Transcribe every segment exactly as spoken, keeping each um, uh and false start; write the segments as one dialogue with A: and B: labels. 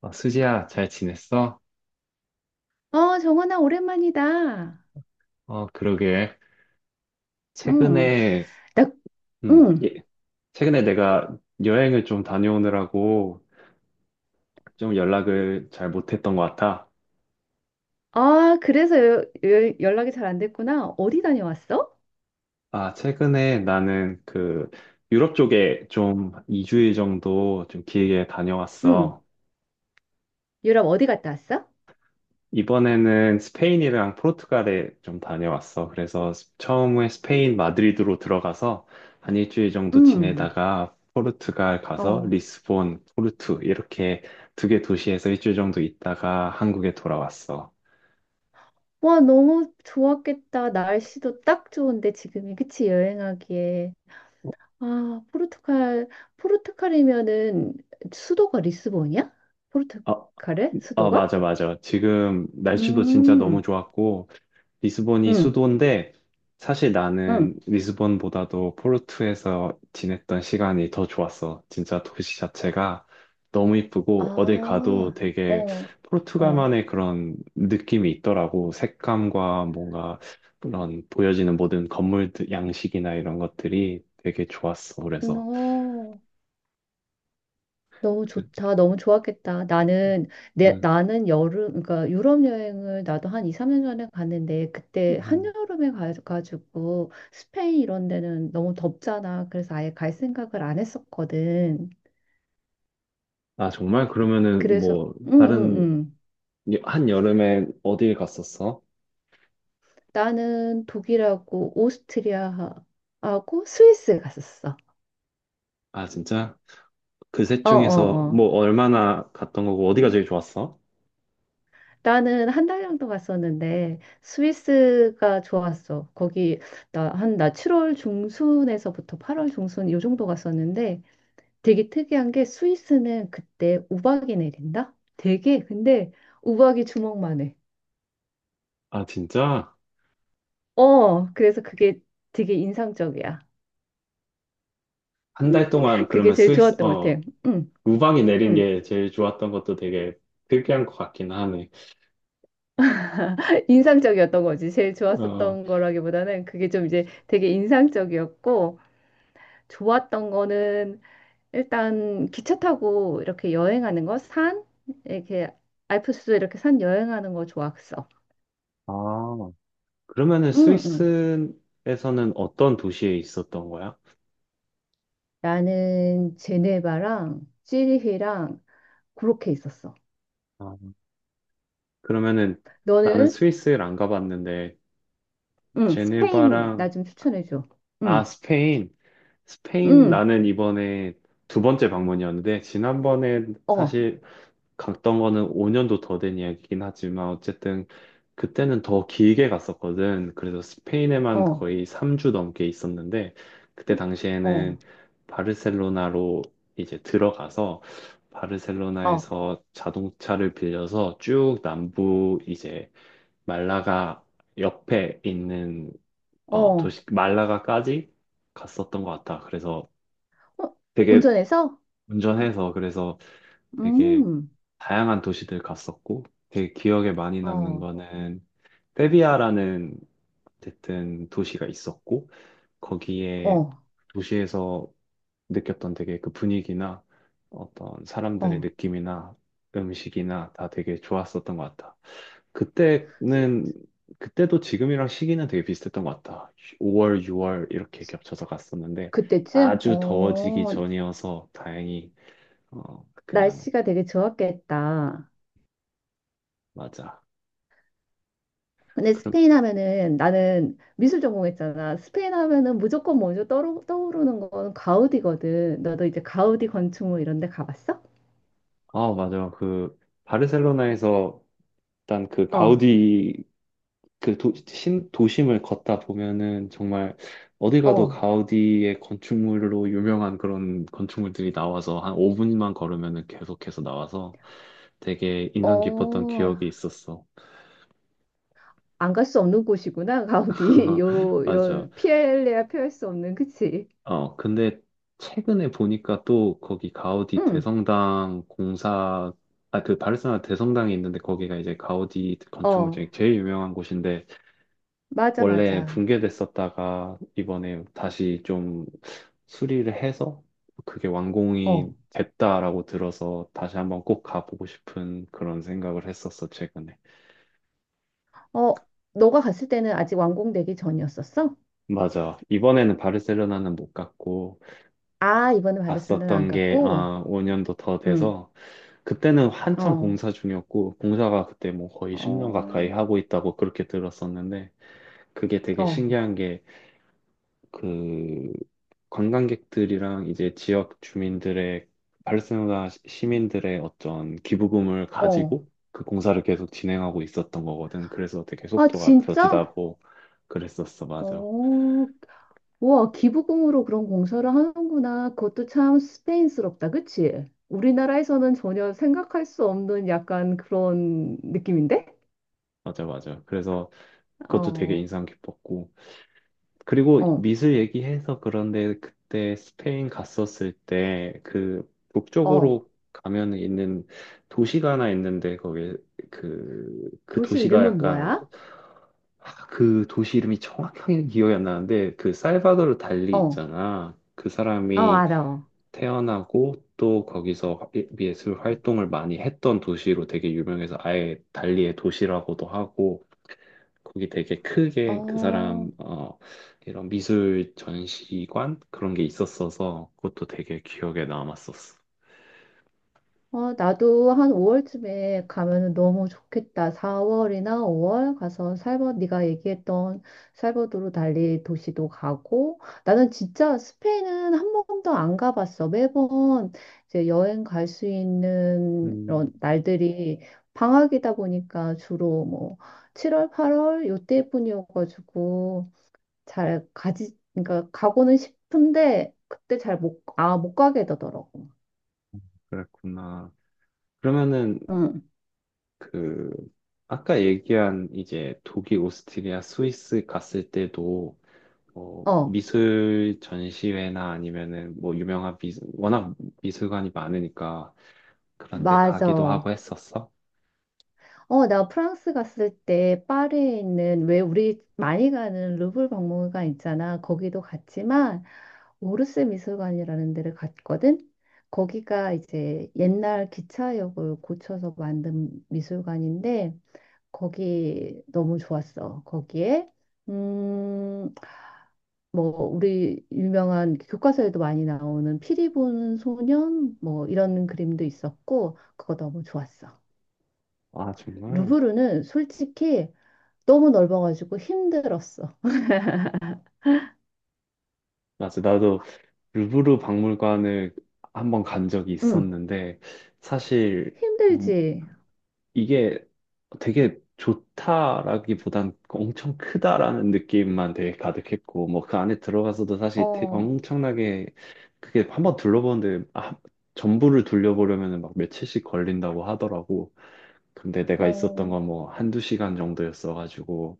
A: 어, 수지야, 잘 지냈어?
B: 어, 정원아, 오랜만이다.
A: 어, 그러게.
B: 응,
A: 최근에,
B: 나,
A: 음,
B: 응.
A: 예, 최근에 내가 여행을 좀 다녀오느라고 좀 연락을 잘 못했던 것 같아.
B: 아, 그래서 여- 여- 연락이 잘 안 됐구나. 어디 다녀왔어?
A: 아, 최근에 나는 그 유럽 쪽에 좀 이 주일 정도 좀 길게
B: 응,
A: 다녀왔어.
B: 유럽 어디 갔다 왔어?
A: 이번에는 스페인이랑 포르투갈에 좀 다녀왔어. 그래서 스- 처음에 스페인 마드리드로 들어가서 한 일주일 정도
B: 응,
A: 지내다가 포르투갈 가서
B: 어.
A: 리스본, 포르투 이렇게 두 개 도시에서 일주일 정도 있다가 한국에 돌아왔어.
B: 와, 너무 좋았겠다. 날씨도 딱 좋은데, 지금이. 그치, 여행하기에. 아, 포르투갈, 포르투갈이면은 수도가 리스본이야?
A: 어,
B: 포르투갈의
A: 어,
B: 수도가?
A: 맞아, 맞아. 지금 날씨도 진짜 너무
B: 음,
A: 좋았고, 리스본이
B: 응,
A: 수도인데 사실 나는
B: 응.
A: 리스본보다도 포르투에서 지냈던 시간이 더 좋았어. 진짜 도시 자체가 너무 이쁘고 어딜
B: 아,
A: 가도 되게
B: 어, 어.
A: 포르투갈만의 그런 느낌이 있더라고. 색감과 뭔가 그런 보여지는 모든 건물 양식이나 이런 것들이 되게 좋았어. 그래서.
B: 너. 너무
A: 그-
B: 좋다. 너무 좋았겠다. 나는 내
A: 음.
B: 나는 여름 그러니까 유럽 여행을 나도 한 이, 삼 년 전에 갔는데 그때
A: 음.
B: 한여름에 가 가지고 스페인 이런 데는 너무 덥잖아. 그래서 아예 갈 생각을 안 했었거든.
A: 아, 정말? 그러면은
B: 그래서
A: 뭐 다른
B: 응응응.
A: 한 여름에 어딜 갔었어?
B: 나는 독일하고 오스트리아하고 스위스 갔었어.
A: 아, 진짜? 그 셋 중에서
B: 어어어.
A: 뭐 얼마나 갔던 거고 어디가 제일 좋았어?
B: 나는 한 달 정도 갔었는데 스위스가 좋았어. 거기 나 한 나 칠월 중순에서부터 팔월 중순 요 정도 갔었는데 되게 특이한 게 스위스는 그때 우박이 내린다? 되게 근데 우박이 주먹만 해.
A: 아, 진짜?
B: 어, 그래서 그게 되게 인상적이야.
A: 한 달 동안
B: 그게
A: 그러면
B: 제일
A: 스위스,
B: 좋았던 것
A: 어,
B: 같아. 응,
A: 우방이 내린
B: 응.
A: 게 제일 좋았던 것도 되게 특이한 것 같긴 하네.
B: 인상적이었던 거지. 제일
A: 어,
B: 좋았었던 거라기보다는 그게 좀 이제 되게 인상적이었고 좋았던 거는 일단 기차 타고 이렇게 여행하는 거, 산, 이렇게 알프스 이렇게 산 여행하는 거 좋았어.
A: 아, 그러면은
B: 응, 응.
A: 스위스에서는 어떤 도시에 있었던 거야?
B: 나는 제네바랑 찌리히랑 그렇게 있었어.
A: 아, 그러면은 나는
B: 너는?
A: 스위스를 안 가봤는데,
B: 응, 스페인
A: 제네바랑,
B: 나 좀 추천해줘.
A: 아,
B: 응,
A: 스페인. 스페인
B: 응,
A: 나는 이번에 두 번째 방문이었는데, 지난번에
B: 어,
A: 사실 갔던 거는 오 년도 더 된 이야기긴 하지만 어쨌든 그때는 더 길게 갔었거든. 그래서 스페인에만
B: 어,
A: 거의 삼 주 넘게 있었는데 그때
B: 어,
A: 당시에는 바르셀로나로 이제 들어가서
B: 어, 어.
A: 바르셀로나에서 자동차를 빌려서 쭉 남부 이제 말라가 옆에 있는 어,
B: 어,
A: 도시 말라가까지 갔었던 것 같아. 그래서 되게
B: 운전해서?
A: 운전해서 그래서 되게
B: 음,
A: 다양한 도시들 갔었고 되게 기억에 많이 남는
B: 어,
A: 거는 세비야라는 어쨌든 도시가 있었고 거기에
B: 어,
A: 도시에서 느꼈던 되게 그 분위기나 어떤 사람들의
B: 어.
A: 느낌이나 음식이나 다 되게 좋았었던 것 같다. 그때는 그때도 지금이랑 시기는 되게 비슷했던 것 같다. 오월, 유월 이렇게 겹쳐서 갔었는데
B: 그때쯤?
A: 아주 더워지기
B: 어,
A: 전이어서 다행히 어 그냥
B: 날씨가 되게 좋았겠다.
A: 맞아.
B: 근데 스페인 하면은 나는 미술 전공했잖아. 스페인 하면은 무조건 먼저 떠오르, 떠오르는 건 가우디거든. 너도 이제 가우디 건축물 이런 데 가봤어?
A: 아, 맞아. 그, 바르셀로나에서 일단 그
B: 어,
A: 가우디, 그 도, 신, 도심을 걷다 보면은 정말 어디 가도
B: 어,
A: 가우디의 건축물로 유명한 그런 건축물들이 나와서 한 오 분만 걸으면은 계속해서 나와서 되게 인상 깊었던
B: 어.
A: 기억이 있었어.
B: 안 갈 수 없는 곳이구나, 가우디. 요,
A: 맞아.
B: 이런 피엘레야 피할 수 없는, 그치?
A: 어, 근데 최근에 보니까 또 거기 가우디
B: 응,
A: 대성당 공사, 아, 그 바르셀로나 대성당이 있는데 거기가 이제 가우디 건축물
B: 어,
A: 중에 제일 유명한 곳인데
B: 맞아,
A: 원래
B: 맞아.
A: 붕괴됐었다가 이번에 다시 좀 수리를 해서 그게 완공이
B: 어,
A: 됐다라고 들어서 다시 한번 꼭 가보고 싶은 그런 생각을 했었어, 최근에.
B: 어, 너가 갔을 때는 아직 완공되기 전이었었어?
A: 맞아. 이번에는 바르셀로나는 못 갔고
B: 아, 이번에 바르셀로나 안
A: 갔었던 게
B: 갔고?
A: 아, 오 년도 더
B: 응,
A: 돼서 그때는 한참
B: 어,
A: 공사 중이었고 공사가 그때 뭐 거의 십 년 가까이
B: 어,
A: 하고 있다고 그렇게 들었었는데 그게 되게
B: 어.
A: 신기한 게그 관광객들이랑 이제 지역 주민들의 팔레스티나 시- 시민들의 어떤 기부금을
B: 어.
A: 가지고 그 공사를 계속 진행하고 있었던 거거든. 그래서 되게
B: 아,
A: 속도가
B: 진짜?
A: 더디다고 그랬었어. 맞아.
B: 어, 와, 기부금으로 그런 공사를 하는구나. 그것도 참 스페인스럽다, 그치? 우리나라에서는 전혀 생각할 수 없는 약간 그런 느낌인데?
A: 맞아, 맞아. 그래서 그것도 되게
B: 어,
A: 인상 깊었고. 그리고
B: 어,
A: 미술 얘기해서 그런데 그때 스페인 갔었을 때 그
B: 어.
A: 북쪽으로 가면 있는 도시가 하나 있는데 거기 그, 그
B: 도시
A: 도시가
B: 이름은
A: 약간
B: 뭐야?
A: 아, 그 도시 이름이 정확하게 기억이 안 나는데 그 살바도르 달리
B: 어, 어,
A: 있잖아. 그 사람이
B: 알아.
A: 태어나고 또 거기서 예- 예술 활동을 많이 했던 도시로 되게 유명해서 아예 달리의 도시라고도 하고 거기 되게 크게 그
B: 어.
A: 사람 어 이런 미술 전시관 그런 게 있었어서 그것도 되게 기억에 남았었어.
B: 어, 나도 한 오월쯤에 가면은 너무 좋겠다. 사월이나 오월 가서 살버, 네가 얘기했던 살버도르 달리 도시도 가고, 나는 진짜 스페인은 한 번도 안 가봤어. 매번 이제 여행 갈 수 있는
A: 음,
B: 그런 날들이 방학이다 보니까 주로 뭐 칠월, 팔월 요때뿐이어가지고 잘 가지, 그러니까 가고는 싶은데 그때 잘 못, 아, 못 가게 되더라고.
A: 그랬구나. 그러면은
B: 응.
A: 그 아까 얘기한 이제 독일, 오스트리아, 스위스 갔을 때도 어,
B: 어,
A: 미술 전시회나 아니면은 뭐 유명한 미술, 워낙 미술관이 많으니까 그런데 가기도
B: 맞아.
A: 하고 했었어?
B: 어, 나 프랑스 갔을 때 파리에 있는 왜 우리 많이 가는 루브르 박물관 있잖아. 거기도 갔지만 오르세 미술관이라는 데를 갔거든. 거기가 이제 옛날 기차역을 고쳐서 만든 미술관인데 거기 너무 좋았어. 거기에 음, 뭐 우리 유명한 교과서에도 많이 나오는 피리 부는 소년 뭐 이런 그림도 있었고 그거 너무 좋았어.
A: 아, 정말?
B: 루브르는 솔직히 너무 넓어가지고 힘들었어.
A: 맞아. 나도 루브르 박물관을 한번 간 적이
B: 응,
A: 있었는데 사실
B: 힘들지.
A: 이게 되게 좋다라기보단 엄청 크다라는 느낌만 되게 가득했고, 뭐 그 안에 들어가서도 사실 되-
B: 어,
A: 엄청나게 그게 한번 둘러보는데 아, 전부를 둘러보려면 막 며칠씩 걸린다고 하더라고. 근데 내가 있었던
B: 어,
A: 건 뭐 한두 시간 정도였어가지고,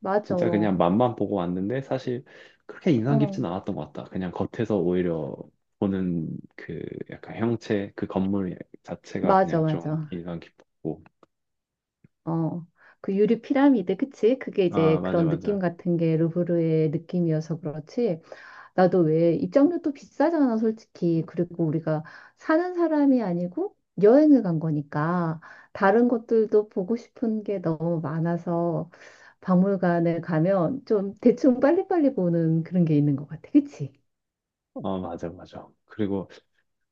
B: 맞아.
A: 진짜 그냥
B: 어,
A: 맛만 보고 왔는데 사실 그렇게 인상 깊진 않았던 것 같다. 그냥 겉에서 오히려 보는 그 약간 형체, 그 건물 자체가
B: 맞아,
A: 그냥 좀
B: 맞아.
A: 인상 깊었고,
B: 어, 그 유리 피라미드, 그치? 그게
A: 아,
B: 이제
A: 맞아,
B: 그런 느낌
A: 맞아.
B: 같은 게 루브르의 느낌이어서 그렇지. 나도 왜 입장료도 비싸잖아, 솔직히. 그리고 우리가 사는 사람이 아니고 여행을 간 거니까 다른 것들도 보고 싶은 게 너무 많아서 박물관에 가면 좀 대충 빨리빨리 보는 그런 게 있는 것 같아. 그치?
A: 어, 맞아, 맞아. 그리고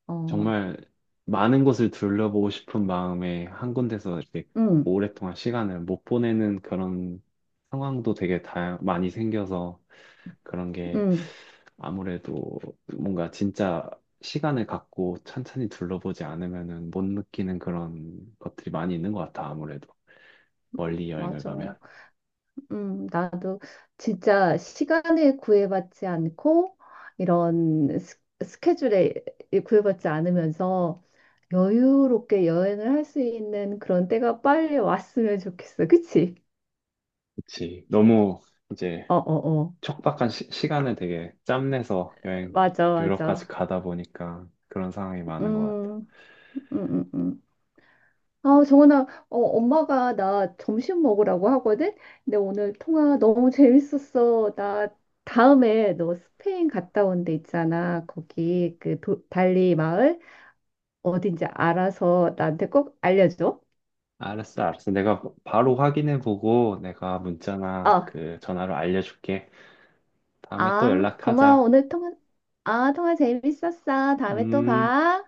B: 어,
A: 정말 많은 곳을 둘러보고 싶은 마음에 한 군데서 이렇게
B: 응,
A: 오랫동안 시간을 못 보내는 그런 상황도 되게 다 많이 생겨서 그런 게
B: 응,
A: 아무래도 뭔가 진짜 시간을 갖고 천천히 둘러보지 않으면은 못 느끼는 그런 것들이 많이 있는 것 같아, 아무래도. 멀리 여행을
B: 맞아.
A: 가면.
B: 음, 나도 진짜 시간에 구애받지 않고 이런 스, 스케줄에 구애받지 않으면서 여유롭게 여행을 할 수 있는 그런 때가 빨리 왔으면 좋겠어. 그치?
A: 그치. 너무 이제
B: 어, 어, 어.
A: 촉박한 시, 시간을 되게 짬내서 여행
B: 맞아,
A: 유럽까지
B: 맞아.
A: 가다 보니까 그런 상황이 많은 것 같아.
B: 음, 음, 음, 음. 아, 정원아, 어, 엄마가 나 점심 먹으라고 하거든? 근데 오늘 통화 너무 재밌었어. 나 다음에 너 스페인 갔다 온데 있잖아. 거기 그 도, 달리 마을 어딘지 알아서 나한테 꼭 알려줘.
A: 알았어, 알았어. 내가 바로 확인해 보고 내가 문자나
B: 어,
A: 그 전화로 알려줄게. 다음에 또
B: 아, 고마워.
A: 연락하자.
B: 오늘 통화, 아, 통화 재밌었어. 다음에 또
A: 음.
B: 봐.